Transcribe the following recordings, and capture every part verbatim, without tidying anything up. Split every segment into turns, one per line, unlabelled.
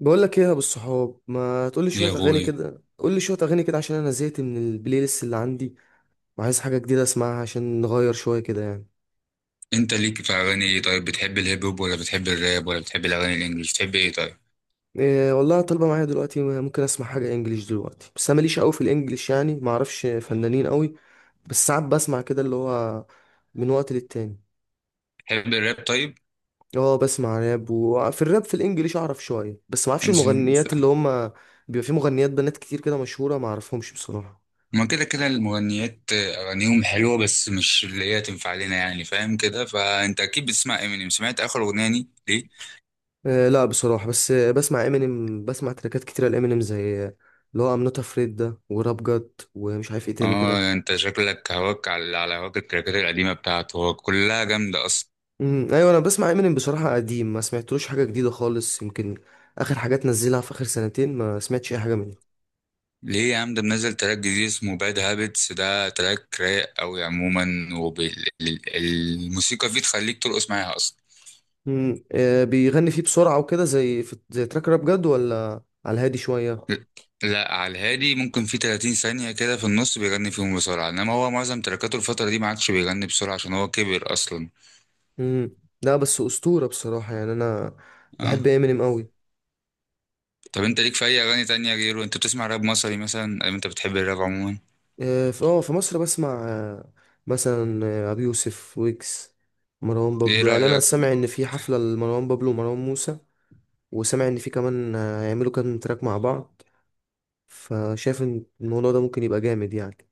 بقول لك ايه يا ابو الصحاب، ما تقول لي شويه
يا
اغاني
اخوي،
كده؟ قول لي شويه اغاني كده عشان انا زهقت من البلاي ليست اللي عندي وعايز حاجه جديده اسمعها عشان نغير شويه كده يعني.
انت ليك في اغاني ايه؟ طيب، بتحب الهيب هوب ولا بتحب الراب ولا بتحب الاغاني الانجليش؟ بتحب ايه؟ طيب،
إيه، والله طالبه معايا دلوقتي. ممكن اسمع حاجه انجليش دلوقتي، بس انا ماليش قوي في الانجليش، يعني ما اعرفش فنانين قوي. بس ساعات بسمع كده، اللي هو من وقت للتاني.
بتحب الراب؟ طيب،
اه بسمع راب. وفي الراب في الانجليش اعرف شويه، بس ما اعرفش
عشان-
المغنيات اللي هم. بيبقى في مغنيات بنات كتير كده مشهوره، ما اعرفهمش بصراحه.
ما كده كده المغنيات اغانيهم حلوه، بس مش اللي هي تنفع لنا، يعني فاهم كده. فانت اكيد بتسمع امينيم، سمعت اخر اغنيه دي ليه؟
آه، لا بصراحة، بس آه، بسمع امينيم. بسمع تراكات كتيرة لامينيم، زي آه، اللي هو ام نوت افريد ده، وراب جاد، ومش عارف ايه تاني كده.
اه، انت شكلك هواك على على هواك التراكات القديمه بتاعته، هو كلها جامده اصلا.
امم ايوه، انا بسمع امينيم بصراحة قديم، ما سمعتلوش حاجة جديدة خالص، يمكن اخر حاجات نزلها في اخر سنتين ما سمعتش اي حاجة منه.
ليه يا عم؟ ده منزل تراك جديد اسمه باد هابتس، ده تراك رايق قوي عموما، والموسيقى فيه تخليك ترقص معاها اصلا.
امم آه، بيغني فيه بسرعة وكده، زي في زي تراك راب جاد، ولا على الهادي شوية.
لا، على الهادي، ممكن في 30 ثانية كده في النص بيغني فيهم بسرعة، انما هو معظم تركاته الفترة دي ما عادش بيغني بسرعة عشان هو كبر اصلا.
امم لا، بس أسطورة بصراحة يعني. انا بحب
اه.
امينيم قوي.
طب انت ليك في اي اغاني تانية غيره؟ انت بتسمع راب مصري مثلا، او انت بتحب الراب عموما؟
آه، في اه في مصر بسمع آه، مثلا آه، ابي يوسف، ويكس، مروان
ايه
بابلو. يعني انا
رأيك؟
سامع ان في حفله لمروان بابلو ومروان موسى، وسامع ان في كمان آه، هيعملوا كام تراك مع بعض، فشايف ان الموضوع ده ممكن يبقى جامد يعني.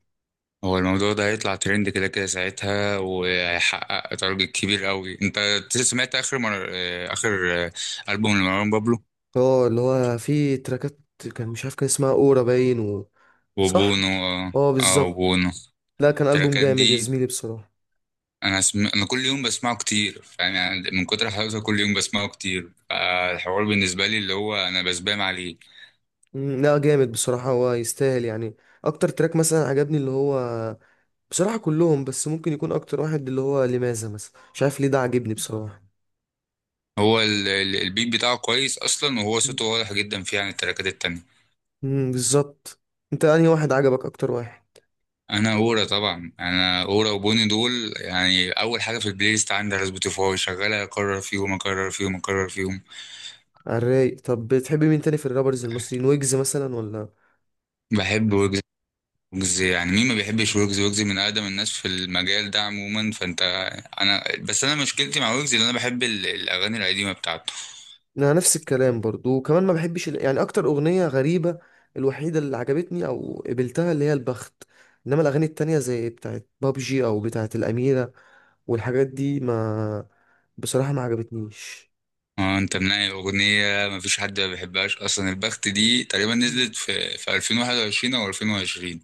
هو الموضوع ده هيطلع ترند كده كده ساعتها، وهيحقق تارجت كبير قوي. انت سمعت اخر مر... آه، اخر آه، ألبوم لمروان بابلو؟
اه اللي هو في تراكات، كان مش عارف كان اسمها اورا باين و... صح،
وبونو، اه.
اه
آه،
بالظبط.
وبونو.
لا كان البوم
التراكات
جامد
دي
يا زميلي بصراحه.
انا سم... انا كل يوم بسمعه كتير، فاهم يعني؟ من كتر حلاوته كل يوم بسمعه كتير، فالحوار بالنسبه لي اللي هو انا بسبام عليه.
مم، لا جامد بصراحه، هو يستاهل يعني. اكتر تراك مثلا عجبني اللي هو بصراحة كلهم، بس ممكن يكون أكتر واحد اللي هو لماذا مثلا، مش عارف ليه ده عاجبني بصراحة.
هو ال... ال- البيت بتاعه كويس اصلا، وهو صوته واضح جدا فيه عن التراكات التانية.
امم بالظبط. أنت أنهي واحد عجبك أكتر واحد؟
انا اورا طبعا، انا اورا وبوني دول يعني اول حاجه في البلاي ليست عندي على سبوتيفاي، شغاله اكرر فيهم اكرر فيهم اكرر فيهم.
الرايق. طب بتحب مين تاني في الرابرز المصريين؟ ويجز مثلا ولا؟
بحب ويجز. ويجز يعني مين ما بيحبش ويجز؟ ويجز من اقدم الناس في المجال ده عموما. فانت، انا بس، انا مشكلتي مع ويجز ان انا بحب ال- الاغاني القديمه بتاعته.
أنا نفس الكلام برضو، وكمان ما بحبش ال- يعني. أكتر أغنية غريبة الوحيدة اللي عجبتني أو قبلتها اللي هي البخت. إنما الأغاني التانية زي بتاعت بابجي أو بتاعت الأميرة والحاجات دي ما، بصراحة ما عجبتنيش.
اه، انت منقي الاغنيه، مفيش حد ما بيحبهاش اصلا. البخت دي تقريبا نزلت في في ألفين وواحد وعشرين او ألفين وعشرين.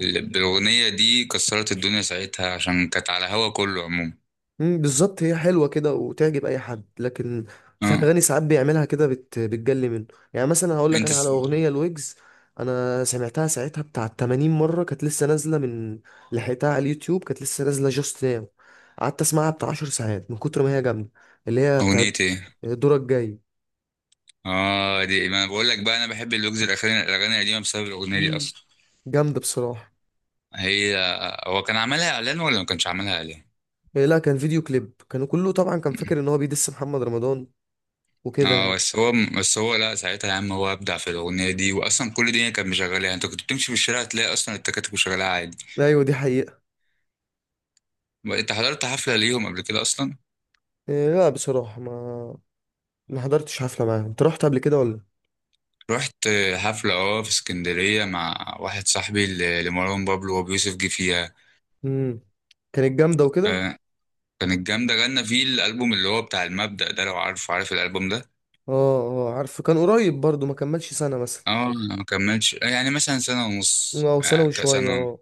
ال- بالاغنيه دي كسرت الدنيا ساعتها عشان كانت على هوا كله عموما.
مم، بالظبط، هي حلوه كده وتعجب اي حد، لكن في
اه.
اغاني ساعات بيعملها كده بت... بتجلي منه. يعني مثلا هقول لك
انت
انا على
س...
اغنيه لويجز. انا سمعتها ساعتها بتاع تمانين مره، كانت لسه نازله من، لحقتها على اليوتيوب كانت لسه نازله جاست ناو. قعدت اسمعها بتاع عشر ساعات من كتر ما هي جامده. اللي هي بتاع
اغنيه ايه؟
دورك جاي.
اه، دي ما انا بقول لك بقى، انا بحب اللوجز الاخراني الاغاني القديمه بسبب الاغنيه دي
مم،
اصلا.
جامده بصراحه.
هي، هو كان عملها اعلان ولا ما كانش عملها اعلان؟
إيه، لا كان فيديو كليب كانوا كله طبعا، كان فاكر ان هو بيدس محمد رمضان وكده
اه.
يعني.
بس هو بس هو لا، ساعتها يا عم هو ابدع في الاغنيه دي، واصلا كل الدنيا كانت مشغلاها، انت كنت بتمشي في الشارع تلاقي اصلا التكاتك مشغلاها.
ايوه دي حقيقه.
انت حضرت حفلة ليهم قبل كده اصلا؟
إيه، لا بصراحه ما، ما حضرتش حفله معاهم. انت رحت قبل كده ولا؟
رحت حفلة اه في اسكندرية مع واحد صاحبي ل- لمروان بابلو وابو يوسف جه فيها.
امم كانت جامده وكده.
آه، كانت جامدة، غنى فيه الألبوم اللي هو بتاع المبدأ ده، لو عارف، عارف الألبوم ده؟
اه اه عارفه، كان قريب برضو، ما كملش سنه مثلا،
اه. ما كملش، آه، يعني مثلا سنة ونص،
او سنه
يعني
وشويه
كسنة.
اه.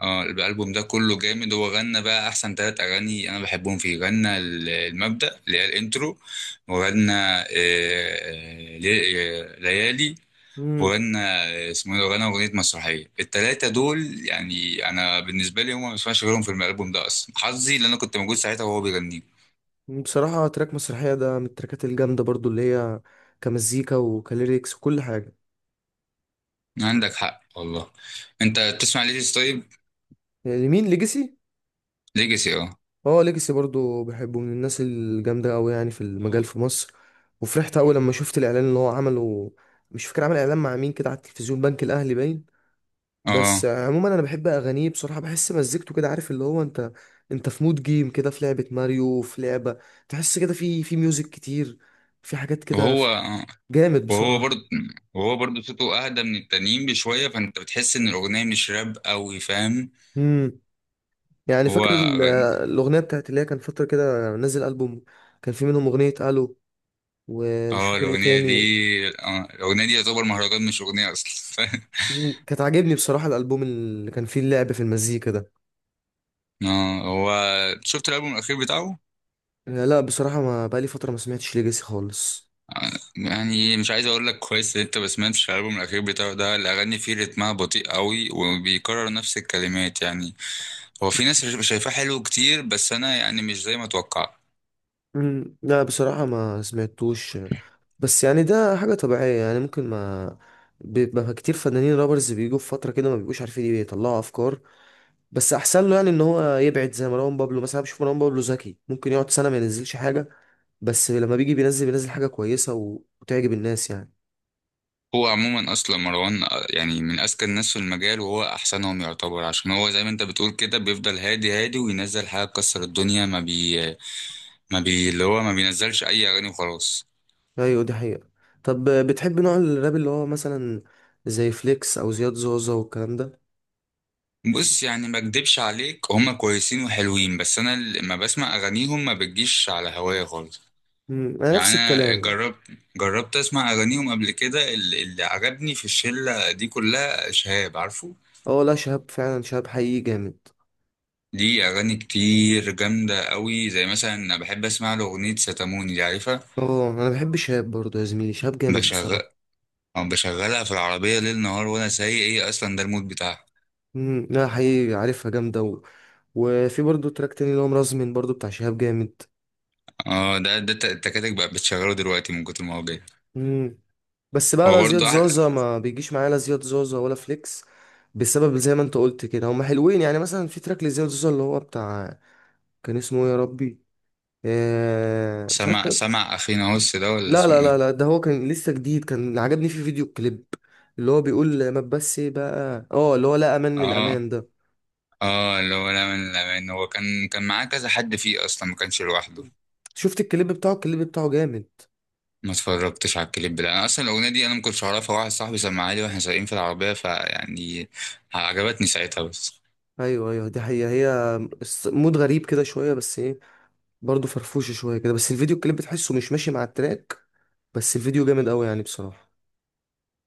اه، الألبوم ده كله جامد، هو غنى بقى أحسن تلات أغاني أنا بحبهم فيه. غنى ال- المبدأ اللي هي الإنترو، وغنى آه، آه، لي- آه، ليالي،
امم
وغنى، اسمه ايه ده؟ وغنى اغنيه مسرحيه. التلاته دول يعني انا بالنسبه لي هم ما بسمعش غيرهم في الالبوم ده اصلا. حظي لان انا كنت موجود ساعتها وهو بيغنيه.
بصراحه تراك مسرحيه ده من التراكات الجامده برضو، اللي هي كمزيكا وكليريكس وكل حاجه.
عندك حق والله. انت بتسمع ليجاسي طيب؟
لمين ليجاسي؟
ليجاسي، اه،
اه ليجاسي برضو بحبه، من الناس الجامده قوي يعني في المجال في مصر. وفرحت قوي لما شفت الاعلان اللي هو عمله. مش فاكر عمل اعلان مع مين كده على التلفزيون، بنك الاهلي باين. بس
اه.
عموما انا بحب اغانيه بصراحه، بحس مزيكته كده عارف اللي هو انت، انت في مود جيم كده في لعبه ماريو، في لعبه. تحس كده في في ميوزك كتير، في حاجات كده
وهو
ف-
آه.
جامد
وهو
بصراحه.
برضه وهو برضه صوته اهدى من التانيين بشويه، فانت بتحس ان الاغنيه مش راب قوي، فاهم؟
امم يعني
هو
فاكر ال-
غني.
الاغنيه بتاعت اللي هي، كان فتره كده نزل البوم، كان في منهم اغنيه الو ومش
اه
فاكر ايه
الاغنيه دي،
تاني.
اه الاغنيه دي يعتبر مهرجان مش اغنيه اصلا
مم، كانت عاجبني بصراحه الالبوم اللي كان فيه اللعب في المزيكا ده.
اه، هو، شفت الالبوم الاخير بتاعه؟
آه، لا بصراحه ما بقالي فتره ما سمعتش ليجاسي خالص.
يعني مش عايز اقول لك كويس ان انت ما سمعتش الالبوم الاخير بتاعه، ده الاغاني فيه رتمها بطيء قوي، وبيكرر نفس الكلمات يعني. هو في ناس شايفاه حلو كتير، بس انا يعني مش زي ما اتوقع.
مم، لا بصراحة ما سمعتوش، بس يعني ده حاجة طبيعية يعني، ممكن ما، بيبقى كتير فنانين رابرز بيجوا في فترة كده ما بيبقوش عارفين ايه، يطلعوا أفكار. بس أحسن له يعني إن هو يبعد زي مروان بابلو مثلا. أنا بشوف مروان بابلو ذكي، ممكن يقعد سنة ما ينزلش حاجة، بس لما بيجي بينزل، بينزل حاجة كويسة و- وتعجب الناس يعني.
هو عموما اصلا مروان، آه، يعني من اذكى الناس في المجال، وهو احسنهم يعتبر عشان هو زي ما انت بتقول كده بيفضل هادي هادي وينزل حاجه تكسر الدنيا. ما بي ما بي اللي هو ما بينزلش اي اغاني وخلاص.
أيوة دي حقيقة. طب بتحب نوع الراب اللي هو مثلا زي فليكس أو زياد زوزة والكلام ده؟
بص، يعني ما اكدبش عليك، هما كويسين وحلوين، بس انا لما بسمع اغانيهم ما بتجيش على هوايا خالص.
مم، أنا
يعني
نفس
انا
الكلام.
جربت، جربت اسمع اغانيهم قبل كده. ال- اللي عجبني في الشله دي كلها شهاب، عارفه؟
اه لا، شهاب فعلا شهاب حقيقي جامد.
دي اغاني كتير جامده قوي، زي مثلا انا بحب اسمع له اغنيه ستاموني، دي عارفها؟
اه انا بحب شهاب برضه يا زميلي، شهاب جامد
بشغل
بصراحه.
أو بشغلها في العربيه ليل نهار وانا سايق، ايه اصلا ده المود بتاعها.
امم لا حقيقي عارفها جامده و... وفي برضه تراك تاني اللي هو مرزمن، برضه بتاع شهاب جامد.
اه ده ده الت- التكاتك بقى بتشغله دلوقتي من كتر ما هو جاي.
امم بس بقى
هو
لا زياد
برضه احلى.
زازا ما بيجيش معايا، لا زياد زازا ولا فليكس. بسبب زي ما انت قلت كده هما حلوين، يعني مثلا في تراك لزياد زازا اللي هو بتاع، كان اسمه ايه يا ربي؟ آه... مش عارف
سمع
كان.
سمع اخينا هوس ده ولا
لا لا
اسمه
لا
ايه؟
لا، ده هو كان لسه جديد، كان اللي عجبني فيه فيديو كليب اللي هو بيقول ما بس بقى اه اللي هو لا امان
اه،
للامان ده.
اه، اللي هو لا من لا من، هو كان كان معاه كذا حد فيه اصلا، ما كانش لوحده.
شفت الكليب بتاعه؟ الكليب بتاعه جامد.
ما اتفرجتش على الكليب ده، انا اصلا الاغنيه دي انا ما كنتش اعرفها، واحد صاحبي سمعها لي واحنا سايقين في العربيه، فيعني عجبتني ساعتها بس.
ايوه ايوه دي حقيقة. هي الس- مود غريب كده شوية بس ايه، برضه فرفوشة شوية كده. بس الفيديو الكليب بتحسه مش ماشي مع التراك، بس الفيديو جامد قوي يعني بصراحة.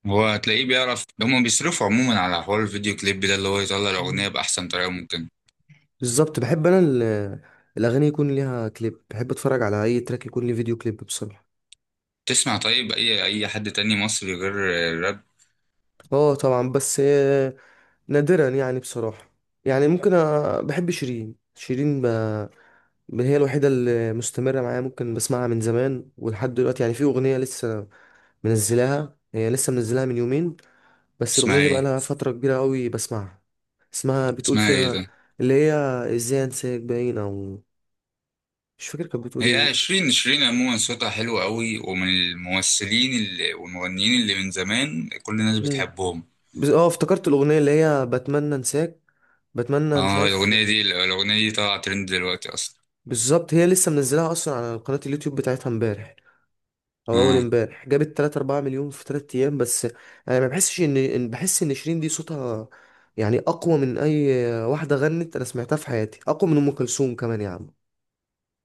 هو هتلاقيه بيعرف، هما بيصرفوا عموما على حوار الفيديو كليب ده اللي هو يطلع
مم.
الاغنيه باحسن طريقه ممكن.
بالظبط، بحب انا ال- الاغاني يكون ليها كليب، بحب اتفرج على اي تراك يكون ليه فيديو كليب بصراحة.
تسمع طيب اي اي حد تاني مصري غير الراب؟
اه طبعا، بس آه، نادرا يعني بصراحة. يعني ممكن أ... بحب شيرين. شيرين ب... ب- هي الوحيدة اللي مستمرة معايا، ممكن بسمعها من زمان ولحد دلوقتي. يعني في أغنية لسه منزلاها، هي لسه منزلاها من يومين، بس الأغنية
اسمها
دي
ايه؟
بقالها فترة كبيرة قوي بسمعها. اسمها بتقول
اسمها ايه
فيها
ده؟
اللي هي، ازاي انساك باين او مش فاكر كانت بتقول
هي
ايه.
شيرين، شيرين عموما صوتها حلو قوي، ومن الممثلين اللي والمغنيين اللي من زمان كل الناس
مم.
بتحبهم.
بس اه افتكرت الأغنية اللي هي بتمنى انساك، بتمنى مش
اه،
عارف.
الاغنيه دي، الاغنيه دي طالعه ترند دلوقتي اصلا.
بالظبط، هي لسه منزلاها اصلا على قناة اليوتيوب بتاعتها امبارح او اول
اه.
امبارح، جابت تلاتة اربعة مليون في تلات ايام بس. انا ما بحسش ان إن- بحس ان شيرين دي صوتها يعني اقوى من اي واحدة غنت انا سمعتها في حياتي، اقوى من ام كلثوم كمان يا عم.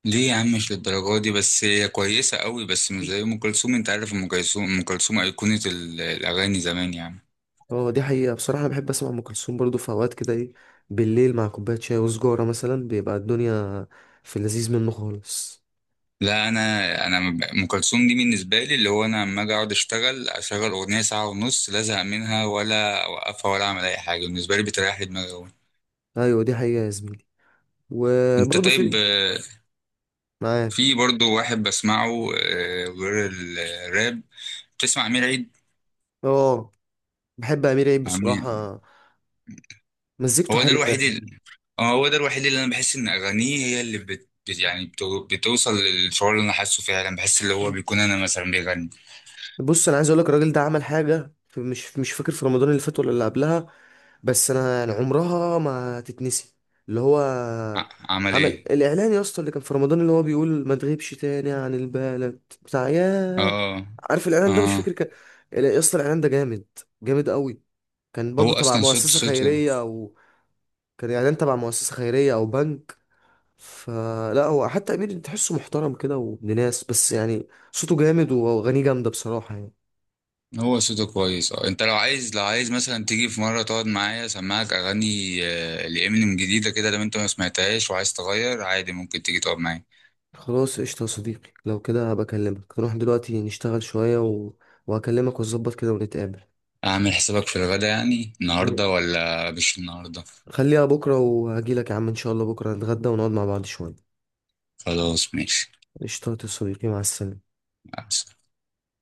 ليه يا عم؟ مش للدرجة دي، بس هي كويسة قوي، بس مش زي أم كلثوم. أنت عارف أم كلثوم، أم كلثوم أيقونة ال- الأغاني زمان يعني.
هو دي حقيقة بصراحة، أنا بحب أسمع أم كلثوم برضه في أوقات كده. إيه، بالليل مع كوباية شاي وسجارة مثلا، بيبقى الدنيا في اللذيذ منه خالص.
لا، أنا، أنا م- أم كلثوم دي بالنسبة لي اللي هو أنا لما أجي أقعد أشتغل أشغل أغنية ساعة ونص لا أزهق منها ولا أوقفها ولا أعمل أي حاجة، بالنسبة لي بتريح لي دماغي أوي.
أيوة دي حقيقة يا زميلي.
أنت
وبرضه
طيب،
في
آه،
معاه.
في برضو واحد بسمعه آه، غير الراب. بتسمع أمير عيد؟
أه، بحب أمير عيد
أمير،
بصراحة، مزيكته
هو ده
حلوة
الوحيد.
يعني.
اه، هو ده الوحيد اللي انا بحس ان اغانيه هي اللي بت بت- يعني بتو- بتوصل للشعور اللي انا حاسه فعلا، بحس اللي هو بيكون انا مثلا بيغني.
بص أنا عايز أقولك الراجل ده عمل حاجة في- مش مش فاكر في رمضان اللي فات ولا اللي قبلها، بس أنا يعني عمرها ما تتنسي. اللي هو
ع- عمل
عمل
ايه؟
الإعلان يا اسطى، اللي كان في رمضان اللي هو بيقول ما تغيبش تاني عن البلد بتاع ياه.
اه.
عارف الاعلان ده؟ مش
اه،
فاكر كان. يا اسطى الاعلان ده جامد، جامد قوي. كان
هو
برضو تبع
اصلا صوت
مؤسسه
صوته،
خيريه او، كان اعلان تبع مؤسسه خيريه او بنك. فلا هو حتى امير تحسه محترم كده وابن ناس، بس يعني صوته جامد واغانيه جامده بصراحه يعني.
هو صوته كويس. اه، انت لو عايز، لو عايز مثلا تيجي في مره تقعد معايا اسمعك اغاني آه، لامينيم جديده كده، لو انت ما سمعتهاش وعايز تغير عادي ممكن تيجي تقعد معايا.
خلاص قشطه يا صديقي، لو كده هبقى اكلمك. نروح دلوقتي نشتغل شويه و... وهكلمك ونظبط كده ونتقابل.
اعمل حسابك في الغدا يعني، النهارده ولا مش النهارده؟
خليها بكره وهجيلك يا عم ان شاء الله، بكره نتغدى ونقعد مع بعض شويه.
خلاص، ماشي.
قشطه يا صديقي، مع السلامه.